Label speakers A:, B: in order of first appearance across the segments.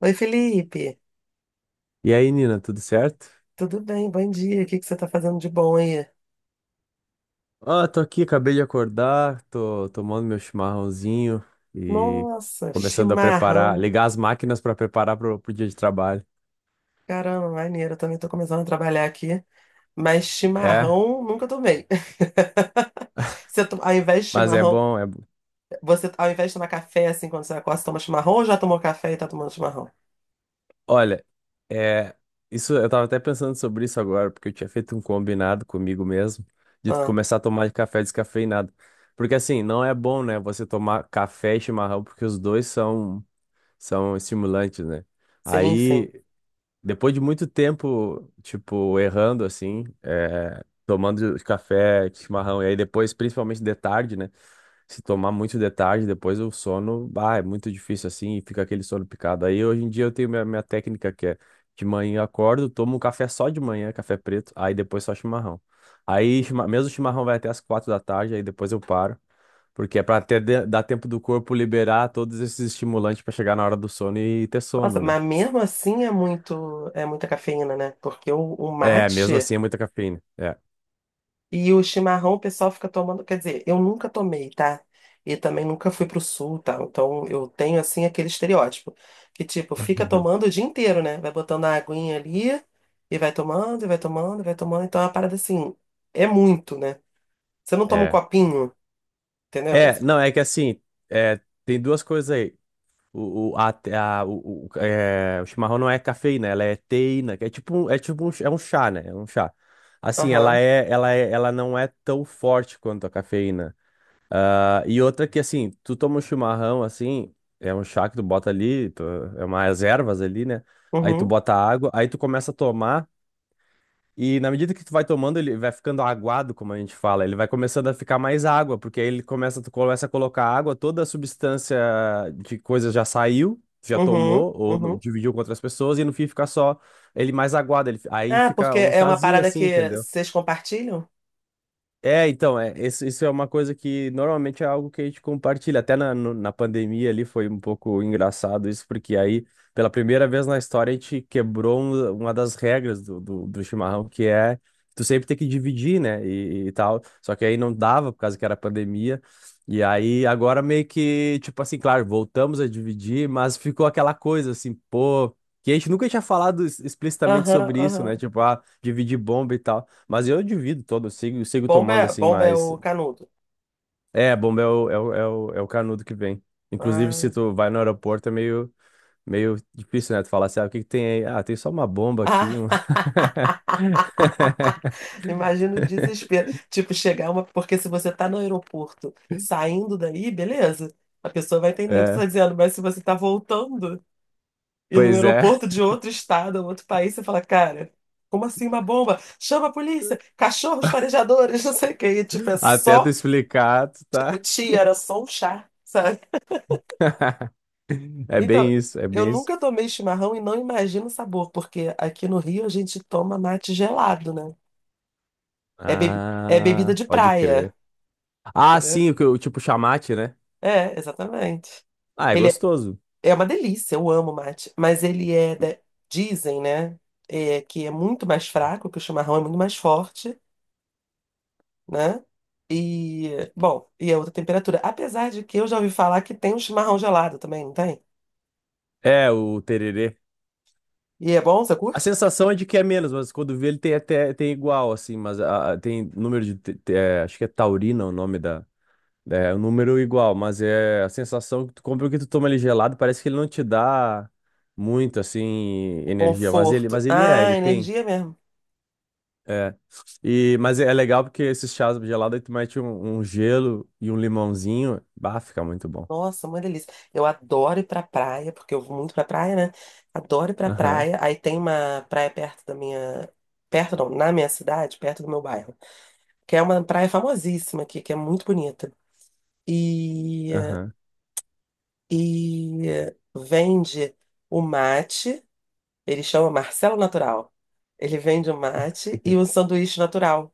A: Oi, Felipe.
B: E aí, Nina, tudo certo?
A: Tudo bem? Bom dia. O que que você tá fazendo de bom aí?
B: Ah, tô aqui, acabei de acordar, tô tomando meu chimarrãozinho e
A: Nossa,
B: começando a preparar,
A: chimarrão.
B: ligar as máquinas para preparar pro dia de trabalho.
A: Caramba, maneiro. Eu também tô começando a trabalhar aqui, mas
B: É,
A: chimarrão nunca tomei. Você, ao invés de
B: mas é
A: chimarrão,
B: bom, é, bom.
A: você ao invés de tomar café assim quando você acorda, você toma chimarrão ou já tomou café e tá tomando chimarrão?
B: Olha, é, isso eu tava até pensando sobre isso agora, porque eu tinha feito um combinado comigo mesmo de
A: Ah,
B: começar a tomar café descafeinado. Porque assim, não é bom, né, você tomar café e chimarrão, porque os dois são estimulantes, né?
A: sim, sim.
B: Aí, depois de muito tempo, tipo, errando assim, tomando café, chimarrão, e aí depois, principalmente de tarde, né? Se tomar muito de tarde, depois o sono, bah, é muito difícil assim, e fica aquele sono picado. Aí hoje em dia eu tenho minha técnica que é de manhã eu acordo, tomo um café só de manhã, café preto, aí depois só chimarrão. Aí mesmo o chimarrão vai até as 4 da tarde, aí depois eu paro, porque é pra ter, dar tempo do corpo liberar todos esses estimulantes pra chegar na hora do sono e ter
A: Nossa,
B: sono, né?
A: mas mesmo assim é muito, é muita cafeína, né? Porque o
B: É, mesmo
A: mate.
B: assim é muita cafeína. É,
A: E o chimarrão o pessoal fica tomando, quer dizer, eu nunca tomei, tá? E também nunca fui pro sul, tá? Então eu tenho assim aquele estereótipo que tipo, fica tomando o dia inteiro, né? Vai botando a aguinha ali e vai tomando, e vai tomando, e vai tomando. Então é uma parada assim, é muito, né? Você não toma um
B: é.
A: copinho, entendeu?
B: É, não, é que assim, tem duas coisas aí. O, a- o, é, o chimarrão não é cafeína, ela é teína, que é tipo, é tipo um, é um chá, né? É um chá. Assim,
A: Aham.
B: ela não é tão forte quanto a cafeína. Ah, e outra que, assim, tu toma um chimarrão, assim, é um chá que tu bota ali, tu, é umas ervas ali, né? Aí tu
A: Uhum.
B: bota água, aí tu começa a tomar. E na medida que tu vai tomando, ele vai ficando aguado, como a gente fala, ele vai começando a ficar mais água, porque aí ele começa, tu começa a colocar água, toda a substância de coisa já saiu, já
A: Uhum.
B: tomou, ou
A: Uhum.
B: dividiu com outras pessoas, e no fim fica só ele mais aguado, ele, aí
A: Ah,
B: fica
A: porque
B: um
A: é uma
B: chazinho
A: parada
B: assim,
A: que
B: entendeu?
A: vocês compartilham?
B: É, então, é, isso é uma coisa que normalmente é algo que a gente compartilha. Até na, na pandemia ali foi um pouco engraçado isso, porque aí, pela primeira vez na história, a gente quebrou uma das regras do chimarrão, que é tu sempre tem que dividir, né? E tal. Só que aí não dava, por causa que era pandemia. E aí, agora meio que, tipo assim, claro, voltamos a dividir, mas ficou aquela coisa assim, pô, que a gente nunca tinha falado explicitamente
A: Aham,
B: sobre isso, né?
A: aham.
B: Tipo, ah, dividir bomba e tal. Mas eu divido todo, eu sigo tomando assim,
A: Bomba é
B: mas.
A: o canudo.
B: É, a bomba é o, canudo que vem. Inclusive, se
A: Ah.
B: tu vai no aeroporto, é meio difícil, né? Tu falar assim, ah, o que que tem aí? Ah, tem só uma bomba aqui.
A: Imagina o desespero. Tipo, chegar uma. Porque se você tá no aeroporto saindo daí, beleza. A pessoa vai entender o que você tá
B: É,
A: dizendo. Mas se você tá voltando e no
B: pois é.
A: aeroporto de outro estado, um outro país, você fala, cara, como assim uma bomba? Chama a polícia, cachorros farejadores, não sei o quê. E, tipo, é
B: Até tu
A: só.
B: explicar, tu
A: O
B: tá.
A: tia era só um chá, sabe?
B: É
A: Então,
B: bem isso, é
A: eu
B: bem isso.
A: nunca tomei chimarrão e não imagino o sabor, porque aqui no Rio a gente toma mate gelado, né? É, é bebida
B: Ah,
A: de
B: pode
A: praia,
B: crer. Ah,
A: entendeu?
B: sim, tipo chamate, né?
A: É, exatamente.
B: Ah, é
A: Ele é,
B: gostoso.
A: é uma delícia, eu amo mate, mas ele é, dizem, né, é, que é muito mais fraco, que o chimarrão é muito mais forte, né? E, bom, e é outra temperatura. Apesar de que eu já ouvi falar que tem um chimarrão gelado também, não tem?
B: É, o tererê.
A: E é bom, você
B: A
A: curte?
B: sensação é de que é menos, mas quando vê ele tem até tem igual, assim, mas tem número de. Acho que é taurina o nome da. É, o número igual, mas é a sensação que tu compra o que tu toma ele gelado, parece que ele não te dá muito, assim,
A: O
B: energia. Mas ele,
A: conforto.
B: mas ele é,
A: Ah,
B: ele tem.
A: energia mesmo.
B: É. E, mas é legal porque esses chás gelados aí tu mete um gelo e um limãozinho. Bah, fica muito bom.
A: Nossa, uma delícia. Eu adoro ir pra praia, porque eu vou muito pra praia, né? Adoro ir pra
B: Aham,
A: praia. Aí tem uma praia perto da minha. Perto não, na minha cidade, perto do meu bairro que é uma praia famosíssima aqui, que é muito bonita. E,
B: aham,
A: e vende o mate, ele chama Marcelo Natural. Ele vende o mate e o sanduíche natural.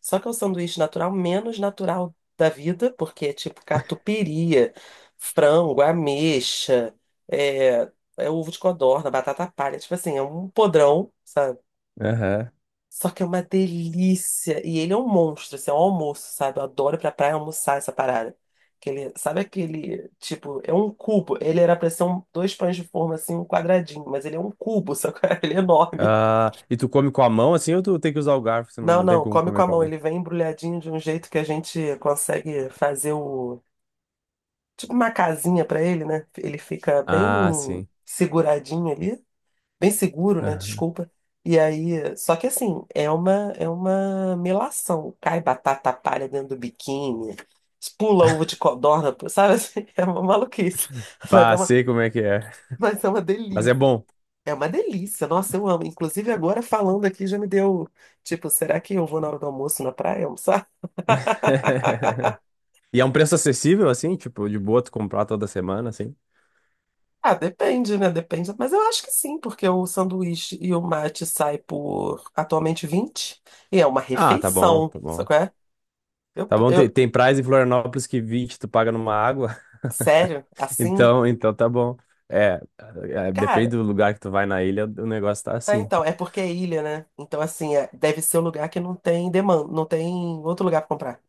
A: Só que é o sanduíche natural menos natural da vida, porque é tipo catupiry, frango, ameixa, é, é ovo de codorna, batata palha, tipo assim, é um podrão, sabe?
B: aham.
A: Só que é uma delícia. E ele é um monstro, assim, é um almoço, sabe? Eu adoro ir pra praia almoçar essa parada. Que ele, sabe aquele, tipo, é um cubo. Ele era pra ser um, dois pães de forma, assim, um quadradinho, mas ele é um cubo, só que ele é enorme.
B: Ah, e tu come com a mão assim ou tu tem que usar o garfo, senão
A: Não,
B: não tem
A: não,
B: como
A: come com
B: comer
A: a
B: com a
A: mão.
B: mão?
A: Ele vem embrulhadinho de um jeito que a gente consegue fazer o, tipo, uma casinha pra ele, né? Ele fica bem
B: Ah, sim.
A: seguradinho ali. Bem seguro, né?
B: Aham.
A: Desculpa. E aí, só que assim, é uma melação. Cai batata palha dentro do biquíni, pula ovo de codorna, sabe assim? É uma maluquice, mas é
B: Bah,
A: uma,
B: sei como é que é.
A: mas é uma
B: Mas é
A: delícia.
B: bom.
A: É uma delícia, nossa, eu amo. Inclusive, agora falando aqui já me deu, tipo, será que eu vou na hora do almoço na praia almoçar?
B: E é um preço acessível, assim, tipo, de boa tu comprar toda semana, assim.
A: Ah, depende, né? Depende. Mas eu acho que sim, porque o sanduíche e o mate sai por atualmente 20 e é uma
B: Ah, tá bom,
A: refeição,
B: tá
A: sabe
B: bom.
A: qual é? Eu,
B: Tá bom, tem,
A: eu,
B: tem praias em Florianópolis que 20 tu paga numa água,
A: Sério? Assim?
B: então tá bom. É, é, depende
A: Cara,
B: do lugar que tu vai na ilha, o negócio tá
A: ah,
B: assim.
A: então, é porque é ilha, né? Então, assim, é- deve ser um lugar que não tem demanda, não tem outro lugar pra comprar.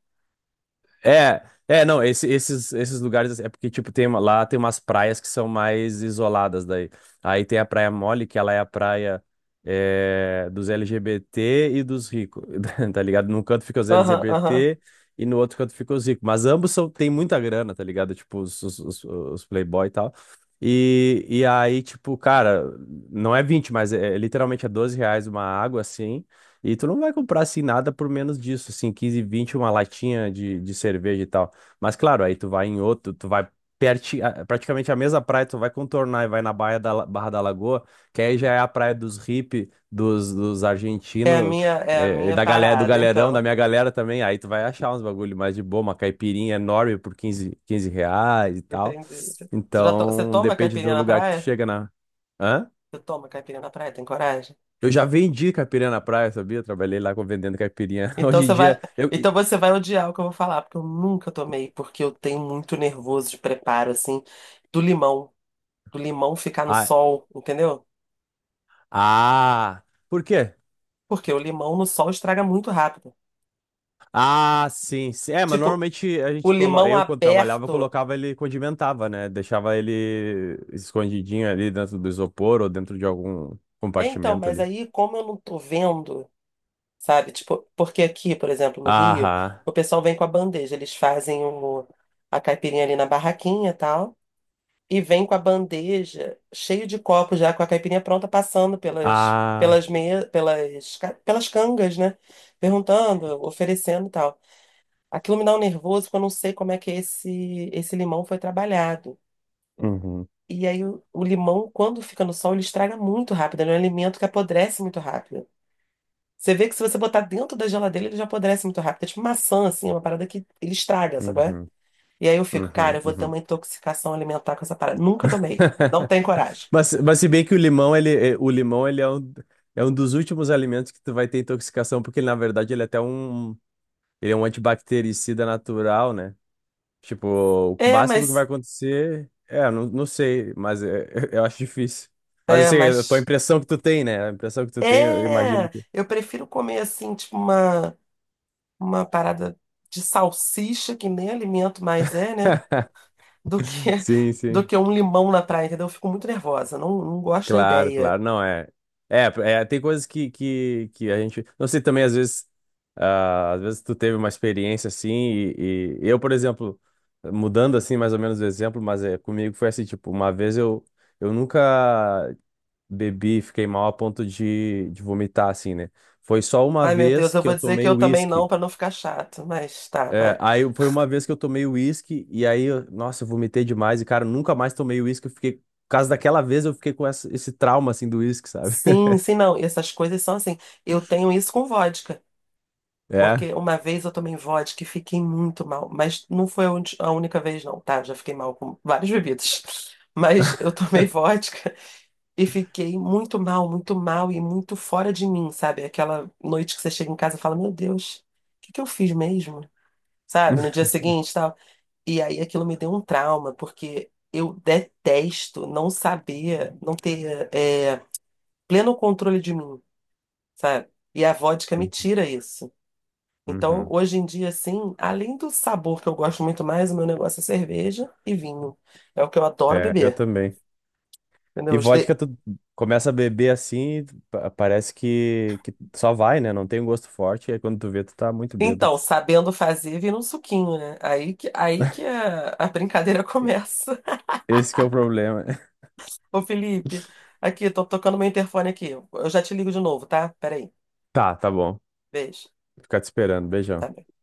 B: É, é, não, esses lugares assim, é porque, tipo, tem, lá tem umas praias que são mais isoladas daí. Aí tem a Praia Mole, que ela é a praia dos LGBT e dos ricos, tá ligado? Num canto fica os
A: Aham, aham.
B: LGBT e no outro canto fica os ricos. Mas ambos são, tem muita grana, tá ligado? Tipo, os playboy e tal. E aí, tipo, cara, não é 20 mas é literalmente é R$ 12 uma água, assim. E tu não vai comprar assim nada por menos disso, assim, 15, 20 uma latinha de cerveja e tal. Mas claro, aí tu vai em outro, tu vai praticamente a mesma praia, tu vai contornar e vai na Baía da, Barra da Lagoa, que aí já é a praia dos hippie, dos argentinos,
A: É a minha
B: da galera, do
A: parada,
B: galerão,
A: então.
B: da minha galera também. Aí tu vai achar uns bagulho mais de boa, uma caipirinha enorme por quinze reais e tal.
A: Entendi. Você já você
B: Então,
A: toma
B: depende do
A: caipirinha na
B: lugar que tu
A: praia?
B: chega na. Hã?
A: Você toma caipirinha na praia? Tem coragem?
B: Eu já vendi caipirinha na praia, sabia? Trabalhei lá vendendo caipirinha.
A: Então
B: Hoje em
A: você vai,
B: dia, eu...
A: então você vai odiar o que eu vou falar, porque eu nunca tomei, porque eu tenho muito nervoso de preparo, assim, do limão, do limão ficar no
B: Ah,
A: sol, entendeu?
B: ah, por quê?
A: Porque o limão no sol estraga muito rápido.
B: Ah, sim, sim. É, mas
A: Tipo,
B: normalmente a
A: o
B: gente colo...
A: limão
B: eu, quando trabalhava, eu
A: aberto.
B: colocava ele, condimentava, né? Deixava ele escondidinho ali dentro do isopor ou dentro de algum
A: É, então,
B: compartimento
A: mas
B: ali.
A: aí, como eu não tô vendo, sabe? Tipo, porque aqui, por exemplo, no Rio,
B: Aham.
A: o pessoal vem com a bandeja, eles fazem o, a caipirinha ali na barraquinha e tal, e vem com a bandeja cheio de copos já com a caipirinha pronta, passando pelas
B: Ah.
A: pelas me, pelas ca- pelas cangas, né? Perguntando, oferecendo e tal. Aquilo me dá um nervoso, porque eu não sei como é que esse limão foi trabalhado.
B: Uhum,
A: E aí o limão, quando fica no sol, ele estraga muito rápido. Ele é um alimento que apodrece muito rápido. Você vê que se você botar dentro da geladeira, ele já apodrece muito rápido. É tipo maçã, assim, uma parada que ele estraga, sabe qual é?
B: uhum,
A: E aí eu fico, cara,
B: uhum,
A: eu vou ter
B: uhum.
A: uma intoxicação alimentar com essa parada. Nunca tomei. Não tenho coragem.
B: Mas se bem que o limão, ele, o limão, ele é um dos últimos alimentos que tu vai ter intoxicação, porque na verdade ele é até um, ele é um antibactericida natural, né? Tipo, o
A: É,
B: máximo que vai
A: mas.
B: acontecer. É, eu não sei, mas eu acho difícil. Mas
A: É,
B: assim, a tua
A: mas.
B: impressão que tu tem, né? A impressão que tu tem, eu imagino
A: É!
B: que.
A: Eu prefiro comer, assim, tipo uma parada de salsicha, que nem alimento mais é, né? Do que,
B: Sim,
A: do
B: sim.
A: que um limão na praia, entendeu? Eu fico muito nervosa. Não, não gosto da
B: Claro,
A: ideia.
B: claro. Não, é. É, é, tem coisas que, que a gente. Não sei também, às vezes. Ah, às vezes tu teve uma experiência assim, e eu, por exemplo, mudando assim mais ou menos o exemplo, mas é, comigo foi assim, tipo, uma vez eu, nunca bebi, fiquei mal a ponto de vomitar, assim, né? Foi só uma
A: Ai, meu Deus,
B: vez
A: eu
B: que eu
A: vou dizer que
B: tomei
A: eu também não,
B: uísque.
A: para não ficar chato, mas tá,
B: É,
A: vai.
B: aí foi uma vez que eu tomei uísque e aí, nossa, eu vomitei demais e, cara, eu nunca mais tomei uísque. Eu fiquei, por causa daquela vez, eu fiquei com esse trauma, assim, do uísque, sabe?
A: Sim, sim, não. Essas coisas são assim. Eu tenho isso com vodka,
B: É.
A: porque uma vez eu tomei vodka e fiquei muito mal, mas não foi a única vez, não, tá? Já fiquei mal com várias bebidas, mas eu tomei vodka e fiquei muito mal e muito fora de mim, sabe? Aquela noite que você chega em casa e fala: Meu Deus, o que que eu fiz mesmo? Sabe? No dia seguinte, tal. E aí aquilo me deu um trauma, porque eu detesto não saber, não ter é, pleno controle de mim, sabe? E a vodka me
B: Uhum.
A: tira isso. Então,
B: Uhum.
A: hoje em dia, assim, além do sabor que eu gosto muito mais, o meu negócio é cerveja e vinho. É o que eu adoro
B: É, eu
A: beber,
B: também.
A: entendeu?
B: E vodka, tu começa a beber assim, parece que só vai, né? Não tem um gosto forte. E aí quando tu vê, tu tá muito bêbado.
A: Então, sabendo fazer, vira um suquinho, né? Aí que a brincadeira começa.
B: Esse que é o problema.
A: Ô, Felipe, aqui, tô tocando meu interfone aqui. Eu já te ligo de novo, tá? Peraí.
B: Tá, tá bom.
A: Beijo.
B: Ficar te esperando. Beijão.
A: Tá